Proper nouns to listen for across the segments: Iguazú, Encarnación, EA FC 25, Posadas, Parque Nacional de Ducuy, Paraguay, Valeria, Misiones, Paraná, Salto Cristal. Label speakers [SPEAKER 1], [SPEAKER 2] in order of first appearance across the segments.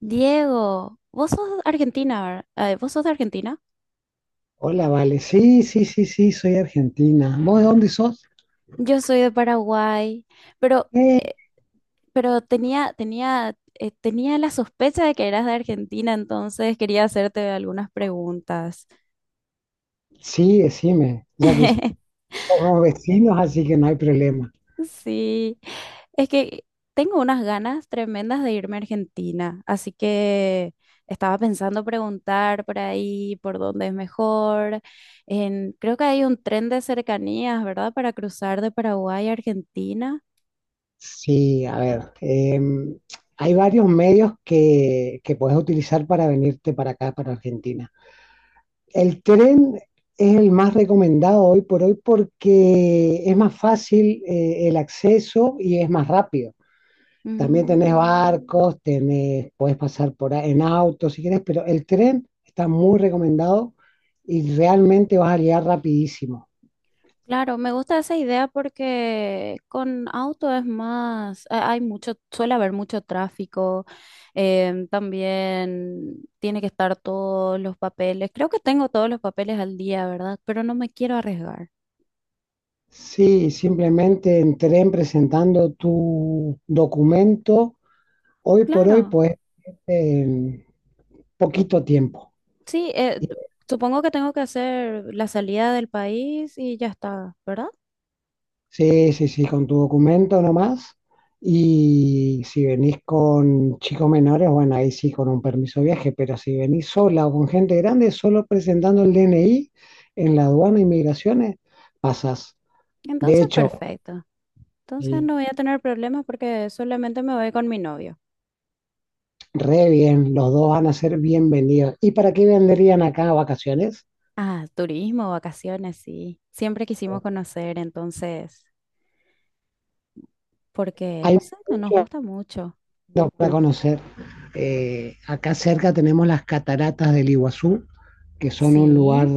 [SPEAKER 1] Diego, vos sos de Argentina, ¿verdad? Ay, ¿vos sos de Argentina?
[SPEAKER 2] Hola, vale. Sí, sí, sí, sí, soy argentina. ¿Vos de dónde sos?
[SPEAKER 1] Yo soy de Paraguay, pero,
[SPEAKER 2] Eh,
[SPEAKER 1] eh, pero tenía la sospecha de que eras de Argentina, entonces quería hacerte algunas preguntas.
[SPEAKER 2] sí, decime, ya que somos vecinos, así que no hay problema.
[SPEAKER 1] Sí, es que tengo unas ganas tremendas de irme a Argentina, así que estaba pensando preguntar por ahí, por dónde es mejor. Creo que hay un tren de cercanías, ¿verdad? Para cruzar de Paraguay a Argentina.
[SPEAKER 2] Sí, a ver, hay varios medios que puedes utilizar para venirte para acá, para Argentina. El tren es el más recomendado hoy por hoy porque es más fácil, el acceso y es más rápido. También tenés
[SPEAKER 1] Mm,
[SPEAKER 2] barcos, tenés, podés pasar en auto si querés, pero el tren está muy recomendado y realmente vas a llegar rapidísimo.
[SPEAKER 1] claro, me gusta esa idea porque con auto es más, hay mucho, suele haber mucho tráfico, también tiene que estar todos los papeles. Creo que tengo todos los papeles al día, ¿verdad? Pero no me quiero arriesgar.
[SPEAKER 2] Sí, simplemente en tren presentando tu documento, hoy por hoy
[SPEAKER 1] Claro,
[SPEAKER 2] podés irte en poquito tiempo.
[SPEAKER 1] sí, supongo que tengo que hacer la salida del país y ya está, ¿verdad?
[SPEAKER 2] Sí, sí, sí, con tu documento nomás. Y si venís con chicos menores, bueno, ahí sí, con un permiso de viaje, pero si venís sola o con gente grande, solo presentando el DNI en la aduana de inmigraciones, pasas. De
[SPEAKER 1] Entonces,
[SPEAKER 2] hecho,
[SPEAKER 1] perfecto. Entonces
[SPEAKER 2] sí,
[SPEAKER 1] no voy a tener problemas porque solamente me voy con mi novio.
[SPEAKER 2] re bien, los dos van a ser bienvenidos. ¿Y para qué vendrían acá a vacaciones?
[SPEAKER 1] Ah, turismo, vacaciones, sí. Siempre quisimos conocer, entonces, porque,
[SPEAKER 2] Hay
[SPEAKER 1] no sé, no nos
[SPEAKER 2] mucho
[SPEAKER 1] gusta mucho.
[SPEAKER 2] para conocer. Acá cerca tenemos las cataratas del Iguazú que son un lugar
[SPEAKER 1] Sí,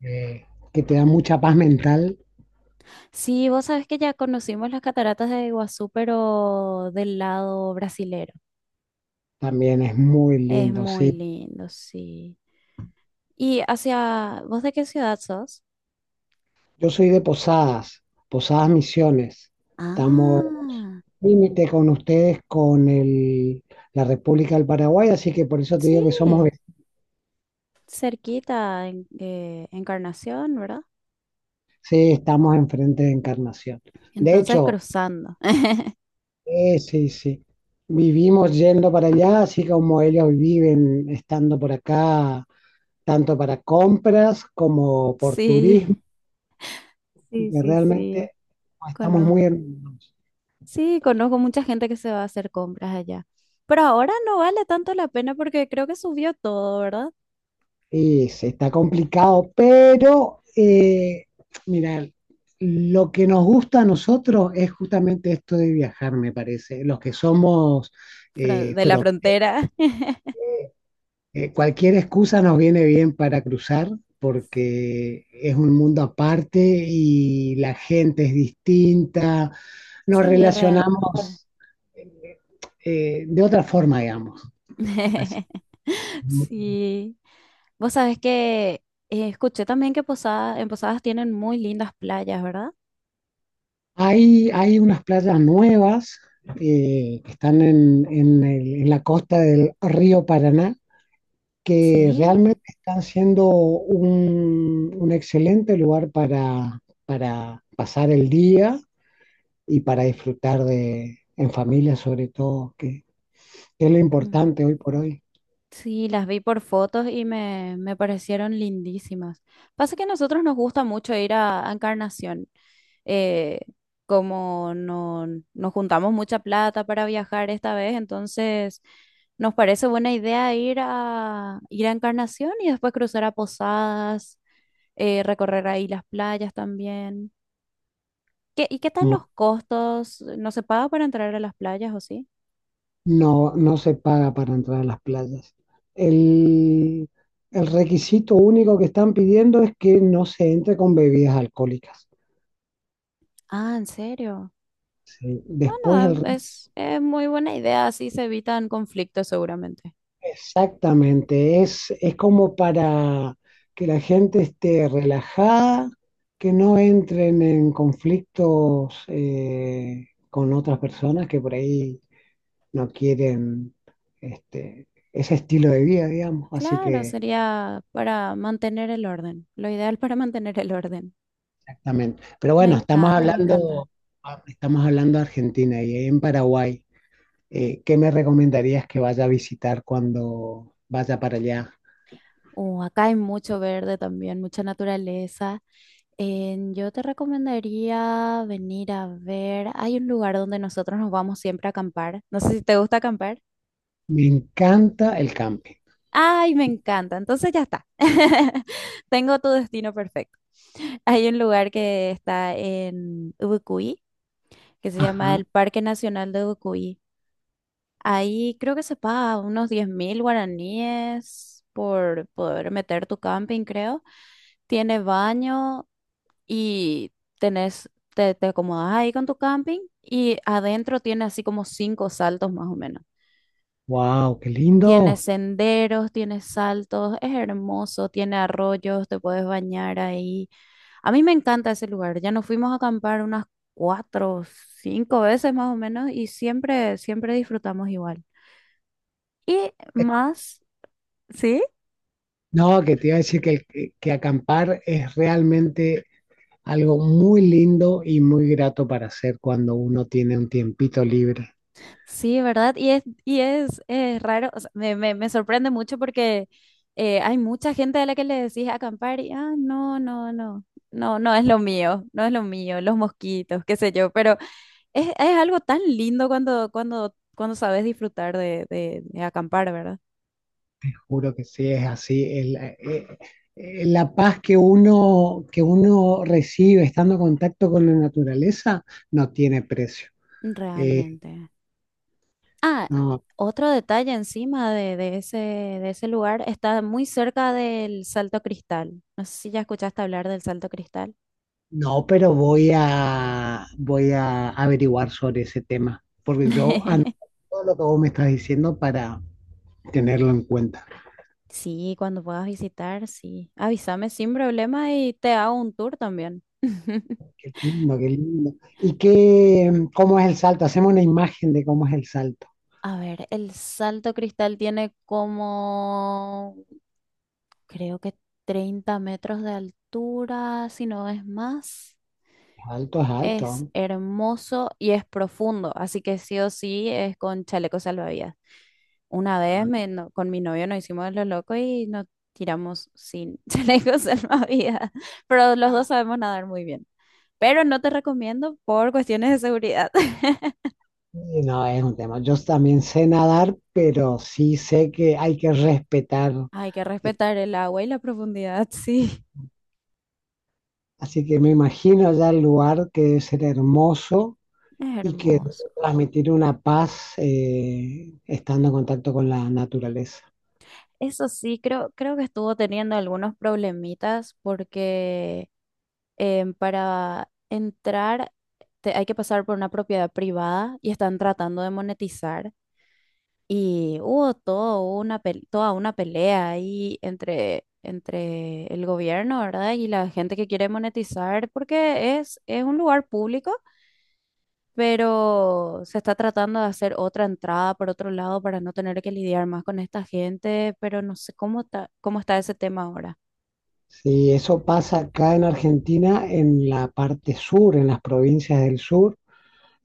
[SPEAKER 2] eh, que te da mucha paz mental,
[SPEAKER 1] sí, vos sabés que ya conocimos las cataratas de Iguazú, pero del lado brasilero.
[SPEAKER 2] también es muy
[SPEAKER 1] Es
[SPEAKER 2] lindo,
[SPEAKER 1] muy
[SPEAKER 2] sí.
[SPEAKER 1] lindo, sí. ¿Y hacia, vos de qué ciudad sos?
[SPEAKER 2] Yo soy de Posadas, Posadas Misiones. Estamos
[SPEAKER 1] Ah,
[SPEAKER 2] límite con ustedes, con la República del Paraguay, así que por eso te digo que somos,
[SPEAKER 1] sí,
[SPEAKER 2] ve-
[SPEAKER 1] cerquita, Encarnación, ¿verdad?
[SPEAKER 2] sí, estamos enfrente de Encarnación. De
[SPEAKER 1] Entonces
[SPEAKER 2] hecho,
[SPEAKER 1] cruzando.
[SPEAKER 2] sí, sí, vivimos yendo para allá, así como ellos viven estando por acá, tanto para compras como por
[SPEAKER 1] Sí,
[SPEAKER 2] turismo. Así
[SPEAKER 1] sí,
[SPEAKER 2] que
[SPEAKER 1] sí, sí.
[SPEAKER 2] realmente no estamos muy hermanos.
[SPEAKER 1] Sí, conozco mucha gente que se va a hacer compras allá. Pero ahora no vale tanto la pena porque creo que subió todo, ¿verdad?
[SPEAKER 2] Y se está complicado, pero mira, lo que nos gusta a nosotros es justamente esto de viajar, me parece. Los que somos
[SPEAKER 1] De la
[SPEAKER 2] fron-
[SPEAKER 1] frontera.
[SPEAKER 2] cualquier excusa nos viene bien para cruzar porque es un mundo aparte y la gente es distinta, nos
[SPEAKER 1] Sí, realmente.
[SPEAKER 2] relacionamos eh, de otra forma, digamos. Así.
[SPEAKER 1] Sí. Vos sabés que escuché también que en Posadas tienen muy lindas playas, ¿verdad?
[SPEAKER 2] Hay unas playas nuevas que están en, en la costa del río Paraná, que
[SPEAKER 1] Sí.
[SPEAKER 2] realmente están siendo un excelente lugar para pasar el día y para disfrutar de, en familia sobre todo, que es lo importante hoy por hoy.
[SPEAKER 1] Sí, las vi por fotos y me parecieron lindísimas. Pasa que a nosotros nos gusta mucho ir a Encarnación. Eh, como no, nos juntamos mucha plata para viajar esta vez, entonces nos parece buena idea ir a Encarnación y después cruzar a Posadas, recorrer ahí las playas también. ¿Y qué tal
[SPEAKER 2] Mu-
[SPEAKER 1] los costos? ¿No se paga para entrar a las playas o sí?
[SPEAKER 2] no, no se paga para entrar a las playas. El, el requisito único que están pidiendo es que no se entre con bebidas alcohólicas.
[SPEAKER 1] Ah, ¿en serio?
[SPEAKER 2] Sí, después el
[SPEAKER 1] Bueno,
[SPEAKER 2] resto,
[SPEAKER 1] es muy buena idea, así se evitan conflictos seguramente.
[SPEAKER 2] exactamente, es como para que la gente esté relajada, que no entren en conflictos con otras personas que por ahí no quieren este, ese estilo de vida, digamos. Así
[SPEAKER 1] Claro,
[SPEAKER 2] que,
[SPEAKER 1] sería para mantener el orden, lo ideal para mantener el orden.
[SPEAKER 2] exactamente. Pero
[SPEAKER 1] Me
[SPEAKER 2] bueno, estamos
[SPEAKER 1] encanta,
[SPEAKER 2] claro,
[SPEAKER 1] me encanta.
[SPEAKER 2] hablando, estamos hablando de Argentina y en Paraguay. ¿Qué me recomendarías que vaya a visitar cuando vaya para allá?
[SPEAKER 1] Acá hay mucho verde también, mucha naturaleza. Yo te recomendaría venir a ver, hay un lugar donde nosotros nos vamos siempre a acampar. No sé si te gusta acampar.
[SPEAKER 2] Me encanta el camping.
[SPEAKER 1] Ay, me encanta, entonces ya está. Tengo tu destino perfecto. Hay un lugar que está en Ubucuy que se llama
[SPEAKER 2] Ajá.
[SPEAKER 1] el Parque Nacional de Ducuy. Ahí creo que se paga unos 10.000 guaraníes por poder meter tu camping, creo. Tiene baño y tenés, te acomodas ahí con tu camping y adentro tiene así como cinco saltos más o menos.
[SPEAKER 2] Wow, qué
[SPEAKER 1] Tiene
[SPEAKER 2] lindo.
[SPEAKER 1] senderos, tiene saltos, es hermoso, tiene arroyos, te puedes bañar ahí. A mí me encanta ese lugar. Ya nos fuimos a acampar unas cuatro, cinco veces más o menos y siempre, siempre disfrutamos igual. Y
[SPEAKER 2] Eh,
[SPEAKER 1] más, ¿sí?
[SPEAKER 2] No, que te iba a decir que, el- que acampar es realmente algo muy lindo y muy grato para hacer cuando uno tiene un tiempito libre.
[SPEAKER 1] Sí, ¿verdad? Es raro, o sea, me sorprende mucho porque hay mucha gente a la que le decís acampar y, ah, no, no, no, no, no es lo mío, no es lo mío, los mosquitos, qué sé yo, pero es algo tan lindo cuando sabes disfrutar de acampar, ¿verdad?
[SPEAKER 2] Juro que sí, es así. El, la paz que uno recibe estando en contacto con la naturaleza no tiene precio. Eh,
[SPEAKER 1] Realmente. Ah,
[SPEAKER 2] no,
[SPEAKER 1] otro detalle encima de ese lugar, está muy cerca del Salto Cristal. No sé si ya escuchaste hablar del Salto Cristal.
[SPEAKER 2] no, pero voy a, voy a averiguar sobre ese tema, porque yo anoto todo lo que vos me estás diciendo para tenerlo en cuenta.
[SPEAKER 1] Sí, cuando puedas visitar, sí. Avísame sin problema y te hago un tour también.
[SPEAKER 2] Qué lindo, qué lindo. ¿Y qué, cómo es el salto? Hacemos una imagen de cómo es el salto.
[SPEAKER 1] A ver, el Salto Cristal tiene como, creo que 30 metros de altura, si no es más.
[SPEAKER 2] Alto es alto.
[SPEAKER 1] Es hermoso y es profundo, así que sí o sí es con chaleco salvavidas. Una vez con mi novio nos hicimos los locos y nos tiramos sin chalecos salvavidas, pero los dos sabemos nadar muy bien. Pero no te recomiendo por cuestiones de seguridad.
[SPEAKER 2] Y no, es un tema. Yo también sé nadar, pero sí sé que hay que respetar.
[SPEAKER 1] Hay que
[SPEAKER 2] eh,
[SPEAKER 1] respetar el agua y la profundidad, sí.
[SPEAKER 2] Así que me imagino ya el lugar que debe ser hermoso
[SPEAKER 1] Es
[SPEAKER 2] y que debe
[SPEAKER 1] hermoso.
[SPEAKER 2] transmitir una paz estando en contacto con la naturaleza.
[SPEAKER 1] Eso sí, creo que estuvo teniendo algunos problemitas porque para entrar hay que pasar por una propiedad privada y están tratando de monetizar. Y hubo todo una toda una pelea ahí entre el gobierno, ¿verdad? Y la gente que quiere monetizar, porque es un lugar público, pero se está tratando de hacer otra entrada por otro lado para no tener que lidiar más con esta gente, pero no sé cómo está ese tema
[SPEAKER 2] Sí, eso pasa acá en Argentina, en la parte sur, en las provincias del sur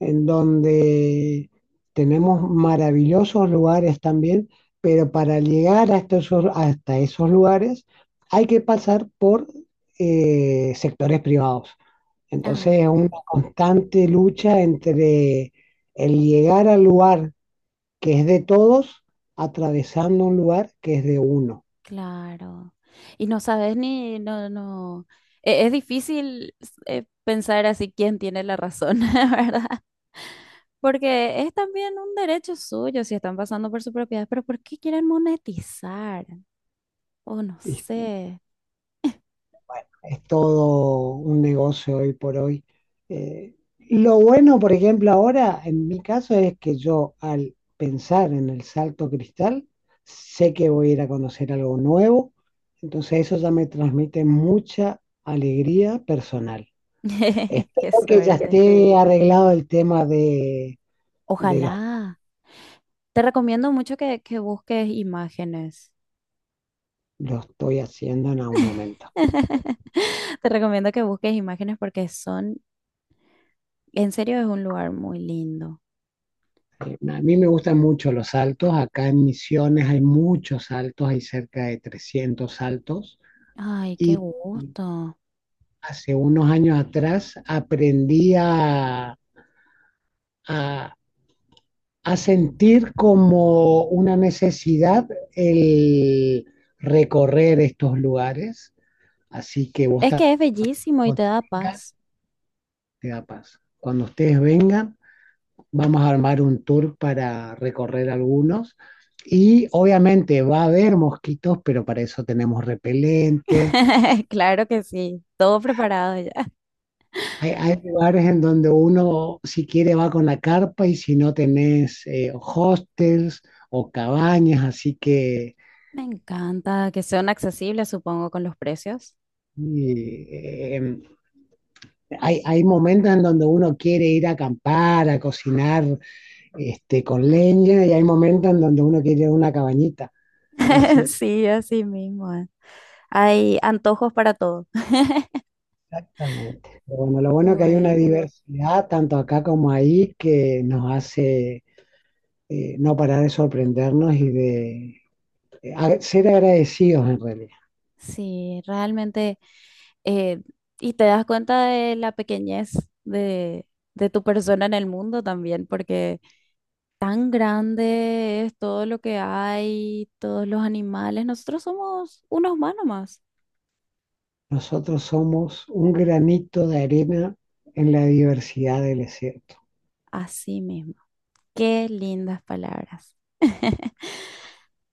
[SPEAKER 2] en donde tenemos maravillosos lugares también, pero para llegar hasta esos lugares hay que pasar por sectores privados. Entonces es
[SPEAKER 1] ahora.
[SPEAKER 2] una constante lucha entre el llegar al lugar que es de todos, atravesando un lugar que es de uno.
[SPEAKER 1] Claro. Y no sabes ni, no, no. Es difícil pensar así quién tiene la razón, ¿verdad? Porque es también un derecho suyo si están pasando por su propiedad, pero ¿por qué quieren monetizar? O no
[SPEAKER 2] Y
[SPEAKER 1] sé.
[SPEAKER 2] es todo un negocio hoy por hoy. Lo bueno, por ejemplo, ahora en mi caso es que yo al pensar en el salto cristal, sé que voy a ir a conocer algo nuevo, entonces eso ya me transmite mucha alegría personal. Espero
[SPEAKER 1] Qué
[SPEAKER 2] que ya
[SPEAKER 1] suerte.
[SPEAKER 2] esté arreglado el tema de los,
[SPEAKER 1] Ojalá. Te recomiendo mucho que busques imágenes.
[SPEAKER 2] lo estoy haciendo en algún momento.
[SPEAKER 1] Te recomiendo que busques imágenes porque son, en serio, es un lugar muy lindo.
[SPEAKER 2] A mí me gustan mucho los saltos, acá en Misiones hay muchos saltos, hay cerca de 300 saltos
[SPEAKER 1] Ay, qué
[SPEAKER 2] y
[SPEAKER 1] gusto.
[SPEAKER 2] hace unos años atrás aprendí a, a sentir como una necesidad el recorrer estos lugares. Así que vos
[SPEAKER 1] Es que es bellísimo y te da
[SPEAKER 2] vengan,
[SPEAKER 1] paz.
[SPEAKER 2] te da paz. Cuando ustedes vengan, vamos a armar un tour para recorrer algunos. Y obviamente va a haber mosquitos, pero para eso tenemos repelente.
[SPEAKER 1] Claro que sí, todo preparado ya.
[SPEAKER 2] Hay lugares en donde uno, si quiere, va con la carpa y si no tenés hostels o cabañas, así que
[SPEAKER 1] Me encanta que sean accesibles, supongo, con los precios.
[SPEAKER 2] eh, em, hay, hay momentos en donde uno quiere ir a acampar, a cocinar este, con leña y hay momentos en donde uno quiere una cabañita. Así
[SPEAKER 1] Sí, así mismo. Eh. Hay antojos para todo.
[SPEAKER 2] exactamente. Pero bueno, lo bueno es que hay una
[SPEAKER 1] Bueno,
[SPEAKER 2] diversidad tanto acá como ahí que nos hace no parar de sorprendernos y de a- ser agradecidos en realidad.
[SPEAKER 1] sí, realmente, eh, y te das cuenta de la pequeñez de, de tu persona en el mundo también, porque tan grande es todo lo que hay, todos los animales. Nosotros somos unos más nomás.
[SPEAKER 2] Nosotros somos un granito de arena en la diversidad del desierto.
[SPEAKER 1] Así mismo. Qué lindas palabras.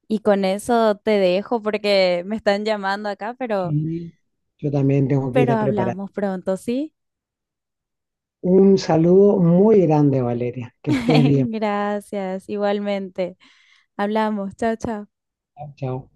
[SPEAKER 1] Y con eso te dejo porque me están llamando acá,
[SPEAKER 2] Sí. Yo también tengo que ir
[SPEAKER 1] pero
[SPEAKER 2] a preparar.
[SPEAKER 1] hablamos pronto, ¿sí?
[SPEAKER 2] Un saludo muy grande, Valeria. Que estés bien.
[SPEAKER 1] Gracias, igualmente. Hablamos, chao, chao.
[SPEAKER 2] Chao, chao.